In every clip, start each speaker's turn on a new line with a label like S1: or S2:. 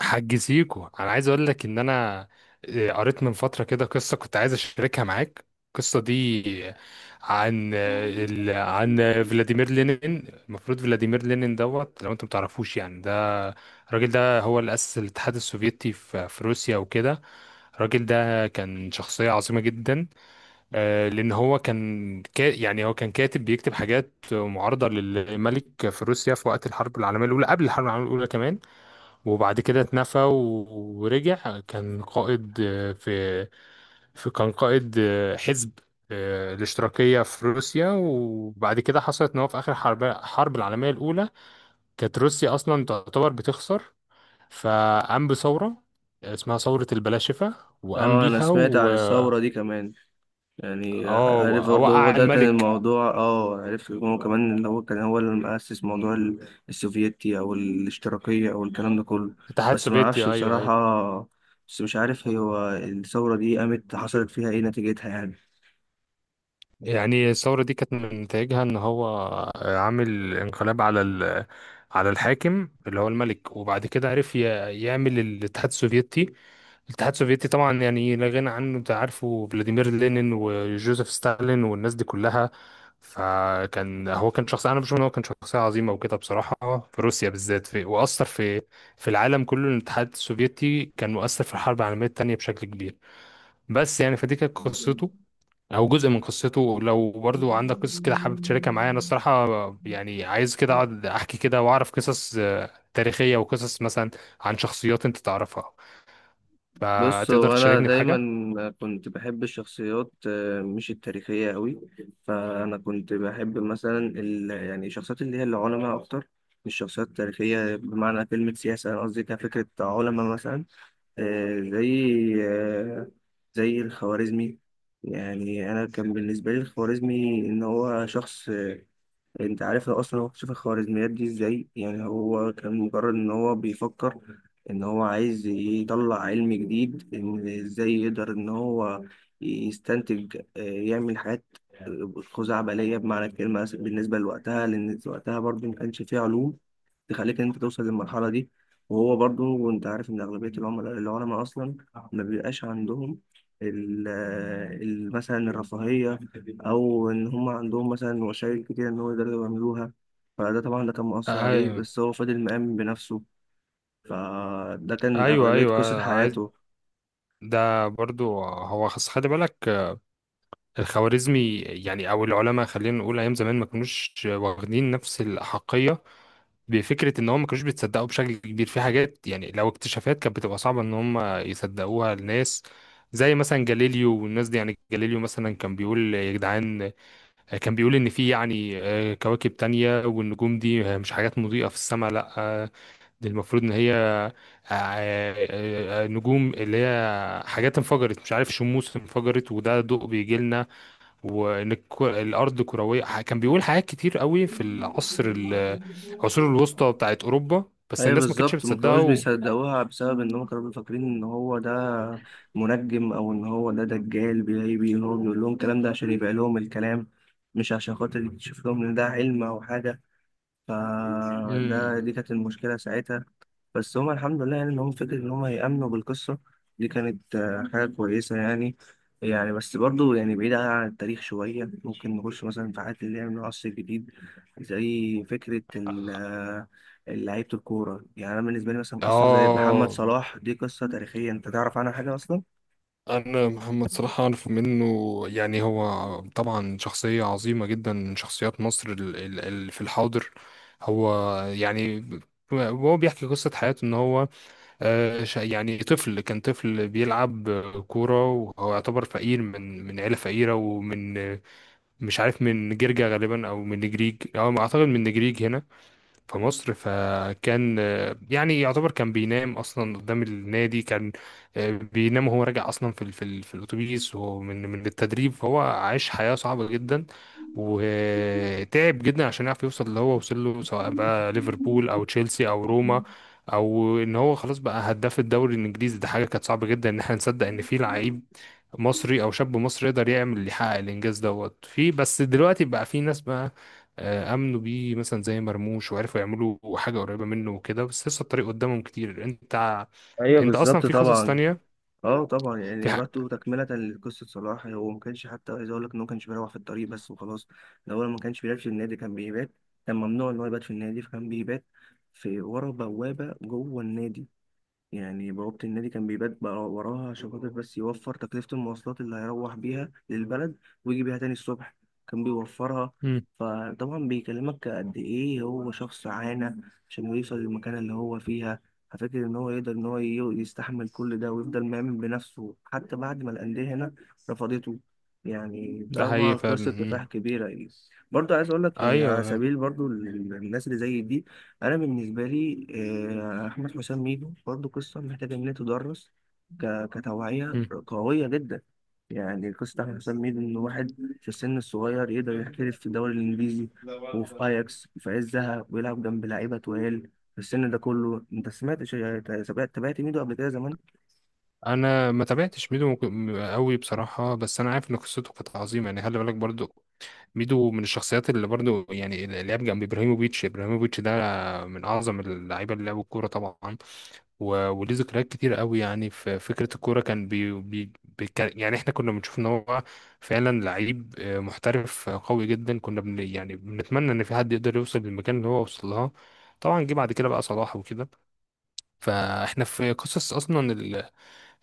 S1: حاج سيكو، انا عايز اقول لك ان انا قريت من فتره كده قصه كنت عايز اشاركها معاك. القصه دي عن فلاديمير لينين. المفروض فلاديمير لينين دوت. لو انت متعرفوش، يعني ده الراجل ده هو اللي اسس الاتحاد السوفيتي في روسيا وكده. الراجل ده كان شخصية عظيمة جدا. لأن هو كان كا يعني هو كان كاتب بيكتب حاجات معارضة للملك في روسيا في وقت الحرب العالمية الأولى، قبل الحرب العالمية الأولى كمان. وبعد كده اتنفى ورجع. كان قائد حزب الاشتراكية في روسيا. وبعد كده حصلت ان هو في اخر الحرب العالمية الاولى كانت روسيا اصلا تعتبر بتخسر، فقام بثورة اسمها ثورة البلاشفة، وقام
S2: اه، انا
S1: بيها
S2: سمعت
S1: و،
S2: عن الثورة دي كمان. يعني
S1: اه،
S2: عارف برضه هو
S1: وقع
S2: ده كان
S1: الملك.
S2: الموضوع، اه، عرفت إن هو كمان اللي هو كان هو اللي مؤسس موضوع السوفيتي او الاشتراكية او الكلام ده كله.
S1: الاتحاد
S2: بس ما
S1: السوفيتي.
S2: اعرفش
S1: ايوه، ايوه.
S2: بصراحة. بس مش عارف هو الثورة دي قامت، حصلت فيها ايه، نتيجتها يعني؟
S1: يعني الثورة دي كانت من نتائجها إن هو عامل انقلاب على الحاكم اللي هو الملك، وبعد كده عرف يعمل الاتحاد السوفيتي. الاتحاد السوفيتي طبعا يعني لا غنى عنه، أنت عارفه، فلاديمير لينين وجوزيف ستالين والناس دي كلها. فكان هو كان شخص، أنا بشوف إن هو كان شخصية عظيمة وكده بصراحة، في روسيا بالذات وأثر في العالم كله. الاتحاد السوفيتي كان مؤثر في الحرب العالمية التانية بشكل كبير. بس يعني فدي كانت قصته، او جزء من قصته. لو برضو عندك قصص كده حابب تشاركها معايا، انا الصراحه يعني عايز كده اقعد احكي كده واعرف قصص تاريخيه، وقصص مثلا عن شخصيات انت تعرفها
S2: بص،
S1: فتقدر
S2: هو انا
S1: تشاركني
S2: دايما
S1: بحاجه.
S2: كنت بحب الشخصيات، مش التاريخيه قوي. فانا كنت بحب مثلا يعني الشخصيات اللي هي العلماء اكتر، مش الشخصيات التاريخيه بمعنى كلمه سياسه. انا قصدي كفكره علماء مثلا، آه، زي آه، زي الخوارزمي. يعني انا كان بالنسبه لي الخوارزمي ان هو شخص، انت عارف هو اصلا هو اكتشف الخوارزميات دي ازاي؟ يعني هو كان مجرد ان هو بيفكر ان هو عايز يطلع علم جديد، ان ازاي يقدر ان هو يستنتج، يعمل حاجات خزعبلية بمعنى الكلمة بالنسبة لوقتها، لأن وقتها برضه ما كانش فيه علوم تخليك ان انت توصل للمرحله دي. وهو برضو، وانت عارف ان اغلبيه العملاء العلماء اصلا ما بيبقاش عندهم ال- مثلا الرفاهيه، او ان هم عندهم مثلا وسائل كتير ان هو يقدروا يعملوها. فده طبعا ده كان مؤثر عليه،
S1: آه،
S2: بس هو فضل مآمن بنفسه. فده كان
S1: ايوه،
S2: اغلبيه قصه
S1: ايوه. عايز
S2: حياته.
S1: ده برضو. هو خلي بالك. الخوارزمي يعني، او العلماء، خلينا نقول ايام زمان ما كانوش واخدين نفس الاحقيه بفكره ان هم ما كانوش بيتصدقوا بشكل كبير في حاجات. يعني لو اكتشافات كانت بتبقى صعبه ان هم يصدقوها الناس. زي مثلا جاليليو والناس دي، يعني جاليليو مثلا كان بيقول يا جدعان، كان بيقول ان في يعني كواكب تانية، والنجوم دي مش حاجات مضيئة في السماء، لا، دي المفروض ان هي نجوم، اللي هي حاجات انفجرت، مش عارف، شموس انفجرت وده ضوء بيجي لنا. وان الارض كرويه، كان بيقول حاجات كتير قوي في العصور الوسطى بتاعت اوروبا. بس
S2: ايوه
S1: الناس ما كانتش
S2: بالظبط، ما
S1: بتصدقه
S2: كانوش بيصدقوها بسبب ان هم كانوا فاكرين ان هو ده منجم، او ان هو ده دجال بيبي ان هو بيقول لهم الكلام ده عشان يبيع لهم الكلام، مش عشان خاطر يكشف لهم ان ده علم او حاجه. فده
S1: امم.
S2: دي كانت المشكله ساعتها. بس هما الحمد لله، يعني إن هم فكرة إن هم يأمنوا بالقصة دي كانت حاجة كويسة يعني. يعني بس برضو، يعني بعيدة عن التاريخ شوية، ممكن نخش مثلا في حاجات اللي هي من العصر الجديد، زي فكرة لعيبة الكورة. يعني أنا بالنسبة لي مثلا قصة زي محمد
S1: اه،
S2: صلاح دي قصة تاريخية، أنت تعرف عنها حاجة أصلا؟
S1: انا محمد صلاح اعرف منه. يعني هو طبعا شخصيه عظيمه جدا من شخصيات مصر في الحاضر. هو يعني هو بيحكي قصة حياته ان هو كان طفل بيلعب كورة، وهو يعتبر فقير من عيلة فقيرة، ومن، مش عارف، من جرجا غالبا او من نجريج، او ما اعتقد من نجريج هنا في مصر. فكان يعني يعتبر كان بينام اصلا قدام النادي. كان بينام، وهو راجع اصلا في الاتوبيس، ومن من من التدريب. فهو عاش حياة صعبة جدا وتعب جدا عشان يعرف يوصل اللي هو وصل له، سواء بقى ليفربول او تشيلسي او روما، او ان هو خلاص بقى هداف الدوري الانجليزي. ده حاجة كانت صعبة جدا ان احنا نصدق ان في لعيب مصري او شاب مصري يقدر يحقق الانجاز دوت. في بس دلوقتي بقى في ناس بقى امنوا بيه مثلا زي مرموش، وعرفوا يعملوا حاجه قريبه منه وكده، بس لسه الطريق قدامهم كتير. انت ع-
S2: ايوه
S1: انت اصلا
S2: بالظبط
S1: في قصص
S2: طبعا.
S1: تانية.
S2: اه طبعا،
S1: في
S2: يعني
S1: ح...
S2: برضه تكملة لقصة صلاح، هو ما كانش حتى، عايز اقول لك ان هو ما كانش بيروح في الطريق بس وخلاص. الاول ما كانش بيلعب في النادي، كان بيبات، كان ممنوع ان هو يبات في النادي، فكان بيبات في ورا بوابة جوه النادي. يعني بوابة النادي كان بيبات بقى وراها عشان خاطر بس يوفر تكلفة المواصلات اللي هيروح بيها للبلد ويجي بيها تاني الصبح، كان بيوفرها.
S1: مم.
S2: فطبعا بيكلمك قد ايه هو شخص عانى عشان يوصل للمكانة اللي هو فيها. ففكر ان هو يقدر ان هو يستحمل كل ده ويفضل مؤمن بنفسه حتى بعد ما الأندية هنا رفضته. يعني
S1: ده
S2: طبعا
S1: حقيقي فعلا.
S2: قصة
S1: مم.
S2: كفاح كبيرة يعني. برضه عايز اقول لك، يعني على
S1: ايوه.
S2: سبيل برضه الناس اللي زي دي، انا بالنسبه لي احمد حسام ميدو برضه قصه محتاجه ان هي تدرس كتوعيه
S1: مم.
S2: قويه جدا. يعني قصه احمد حسام ميدو، ان واحد في السن الصغير يقدر يحترف في الدوري الانجليزي وفي اياكس في عزها ويلعب جنب لعيبه تقال في السن ده كله. انت سمعت تابعت ميدو قبل كده زمان؟
S1: انا ما تابعتش ميدو قوي بصراحه، بس انا عارف ان قصته كانت عظيمه. يعني خلي بالك برضو ميدو من الشخصيات اللي برضو يعني اللي لعب جنب ابراهيموفيتش. ابراهيموفيتش ده من اعظم اللعيبه اللي لعبوا الكوره طبعا، و- وليه ذكريات كتير قوي. يعني في فكرة الكورة، كان بي بي بي كان يعني احنا كنا بنشوف ان هو فعلا لعيب محترف قوي جدا. كنا بن يعني بنتمنى ان في حد يقدر يوصل للمكان اللي هو وصل لها. طبعا جه بعد كده بقى صلاح وكده. فاحنا في قصص اصلا ال-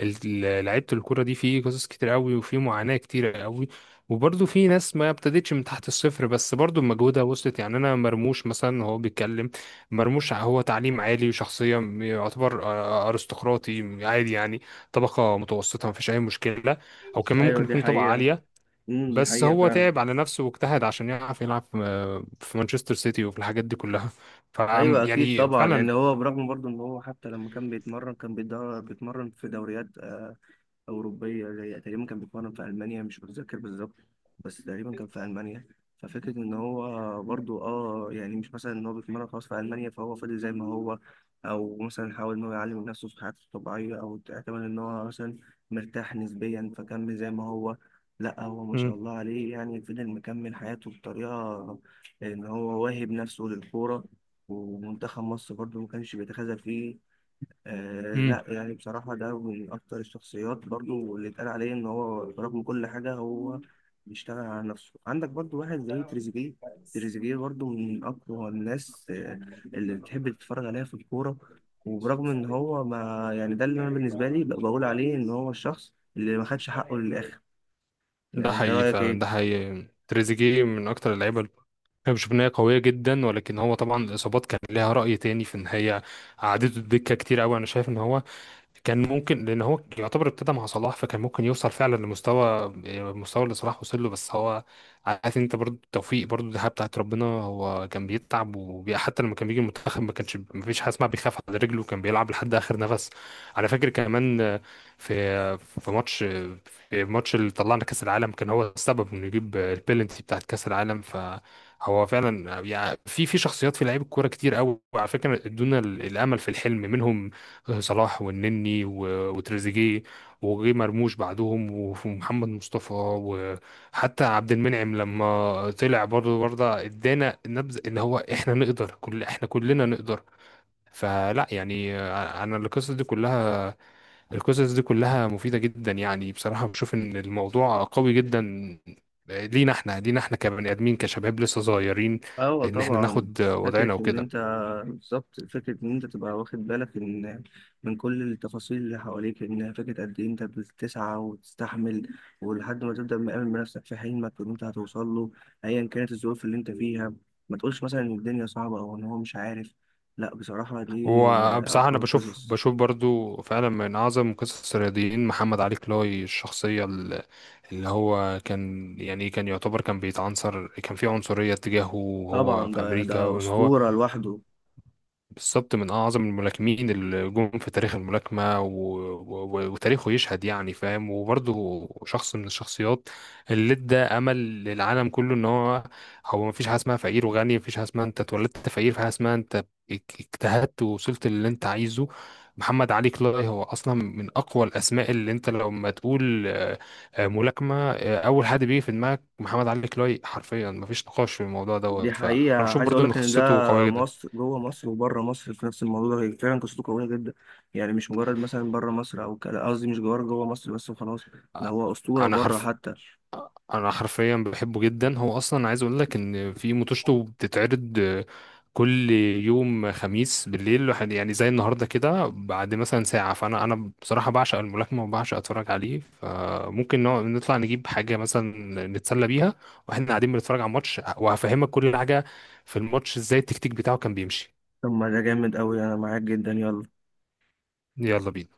S1: لعيبة الكرة دي، في قصص كتير قوي وفي معاناة كتير قوي. وبرضه في ناس ما ابتدتش من تحت الصفر، بس برضه بمجهودها وصلت. يعني انا مرموش مثلا، هو بيتكلم، مرموش هو تعليم عالي وشخصية يعتبر ارستقراطي عادي يعني، طبقة متوسطة، ما فيش اي مشكلة، او كمان
S2: ايوه
S1: ممكن
S2: دي
S1: يكون طبقة
S2: حقيقه.
S1: عالية.
S2: امم، دي
S1: بس
S2: حقيقه
S1: هو
S2: فعلا.
S1: تعب على نفسه واجتهد عشان يعرف يلعب في مانشستر سيتي وفي الحاجات دي كلها. ف
S2: ايوه اكيد
S1: يعني
S2: طبعا، يعني
S1: فعلا.
S2: هو برغم برضه ان هو حتى لما كان بيتمرن كان بيتمرن في دوريات أوروبية، زي تقريبا كان بيتمرن في ألمانيا، مش متذكر بالظبط، بس تقريبا كان في ألمانيا. ففكرة إن هو برضو، آه، يعني مش مثلا إن هو بيتمرن خلاص في ألمانيا فهو فضل زي ما هو، أو مثلا حاول إن هو يعلم من نفسه في حياته الطبيعية، أو اعتمد إن هو مثلا مرتاح نسبيا فكمل زي ما هو. لا، هو ما شاء
S1: مم.
S2: الله عليه، يعني فضل مكمل حياته بطريقة إن هو واهب نفسه للكورة. ومنتخب مصر برضو ما كانش بيتخاذل فيه. آه
S1: مم.
S2: لا، يعني بصراحة ده من أكتر الشخصيات برضو اللي اتقال عليه إن هو برغم كل حاجة هو بيشتغل على نفسه. عندك برضو واحد زي تريزيجيه، تريزيجيه برضو من أقوى الناس اللي بتحب تتفرج عليها في الكورة. وبرغم إن هو ما، يعني ده اللي أنا بالنسبة لي بقول عليه إن هو الشخص اللي ما خدش حقه للآخر.
S1: ده
S2: يعني أنت
S1: حقيقي
S2: رأيك
S1: فعلا، ده
S2: إيه؟
S1: حقيقي. تريزيجيه من أكتر اللعيبة اللي أنا بشوف إن هي قوية جدا، ولكن هو طبعا الإصابات كان ليها رأي تاني في إن هي قعدته الدكة كتير أوي. أنا شايف إن هو كان ممكن، لان هو يعتبر ابتدى مع صلاح، فكان ممكن يوصل فعلا لمستوى، المستوى اللي صلاح وصل له. بس هو، عارف انت، برضو التوفيق برضو دي حاجه بتاعت ربنا. هو كان بيتعب، وحتى لما كان بيجي المنتخب ما كانش، ما فيش حاجه اسمها بيخاف على رجله، كان بيلعب لحد اخر نفس. على فاكر كمان، في الماتش اللي طلعنا كاس العالم، كان هو السبب انه يجيب البيلنتي بتاعت كاس العالم. فهو فعلا، يعني في شخصيات في لعيب الكوره كتير قوي، وعلى فكره ادونا الامل في الحلم منهم. صلاح والنني و- وتريزيجيه، وجي مرموش بعدهم، وف- ومحمد مصطفى، وحتى عبد المنعم لما طلع برضه ادانا نبذه ان هو احنا كلنا نقدر. فلا يعني، انا القصص دي كلها مفيدة جدا يعني، بصراحة بشوف ان الموضوع قوي جدا لينا احنا، كبني ادمين كشباب لسه صغيرين،
S2: أيوة
S1: ان احنا
S2: طبعا.
S1: ناخد
S2: فكرة
S1: وضعنا
S2: إن
S1: وكده.
S2: أنت بالظبط، فكرة إن أنت تبقى واخد بالك إن من كل التفاصيل اللي حواليك، إن فكرة قد إيه أنت بتسعى وتستحمل ولحد ما تبدأ مآمن بنفسك في حلمك إن أنت هتوصل له، أيا كانت الظروف اللي أنت فيها. ما تقولش مثلا إن الدنيا صعبة أو إن هو مش عارف. لأ، بصراحة دي من
S1: وبصراحة انا
S2: أقوى
S1: بشوف
S2: القصص.
S1: بشوف برضو فعلا من اعظم قصص الرياضيين محمد علي كلاي. الشخصية اللي هو كان يعتبر كان بيتعنصر، كان في عنصرية تجاهه وهو
S2: طبعا
S1: في
S2: ده
S1: امريكا،
S2: ده
S1: وان هو
S2: أسطورة لوحده.
S1: بالظبط من أعظم الملاكمين اللي جم في تاريخ الملاكمة، وتاريخه يشهد يعني، فاهم. وبرضه شخص من الشخصيات اللي ادى أمل للعالم كله، إن هو مفيش حاجة اسمها فقير وغني، مفيش حاجة اسمها أنت اتولدت فقير، في حاجة اسمها أنت اجتهدت ووصلت للي أنت عايزه. محمد علي كلاي هو أصلا من أقوى الأسماء اللي أنت لما تقول ملاكمة، أول حد بيجي في دماغك محمد علي كلاي، حرفيا مفيش نقاش في الموضوع
S2: دي
S1: دوت. فأنا
S2: حقيقة،
S1: بشوف
S2: عايز
S1: برضه
S2: أقول
S1: إن
S2: لك إن ده
S1: قصته قوية جدا.
S2: مصر، جوه مصر وبره مصر في نفس الموضوع ده، هي فعلا قصته قوية جدا. يعني مش مجرد مثلا بره مصر أو كده، قصدي مش جوه جوه مصر بس وخلاص، ده هو أسطورة
S1: انا
S2: بره
S1: حرف
S2: حتى.
S1: انا حرفيا بحبه جدا. هو اصلا عايز اقول لك ان في موتوشته بتتعرض كل يوم خميس بالليل، يعني زي النهارده كده، بعد مثلا ساعه. فانا بصراحه بعشق الملاكمه وبعشق اتفرج عليه. فممكن نطلع نجيب حاجه مثلا نتسلى بيها واحنا قاعدين بنتفرج على الماتش، وهفهمك كل حاجه في الماتش، ازاي التكتيك بتاعه كان بيمشي.
S2: طب ما ده جامد أوي، أنا معاك جدا، يلا.
S1: يلا بينا.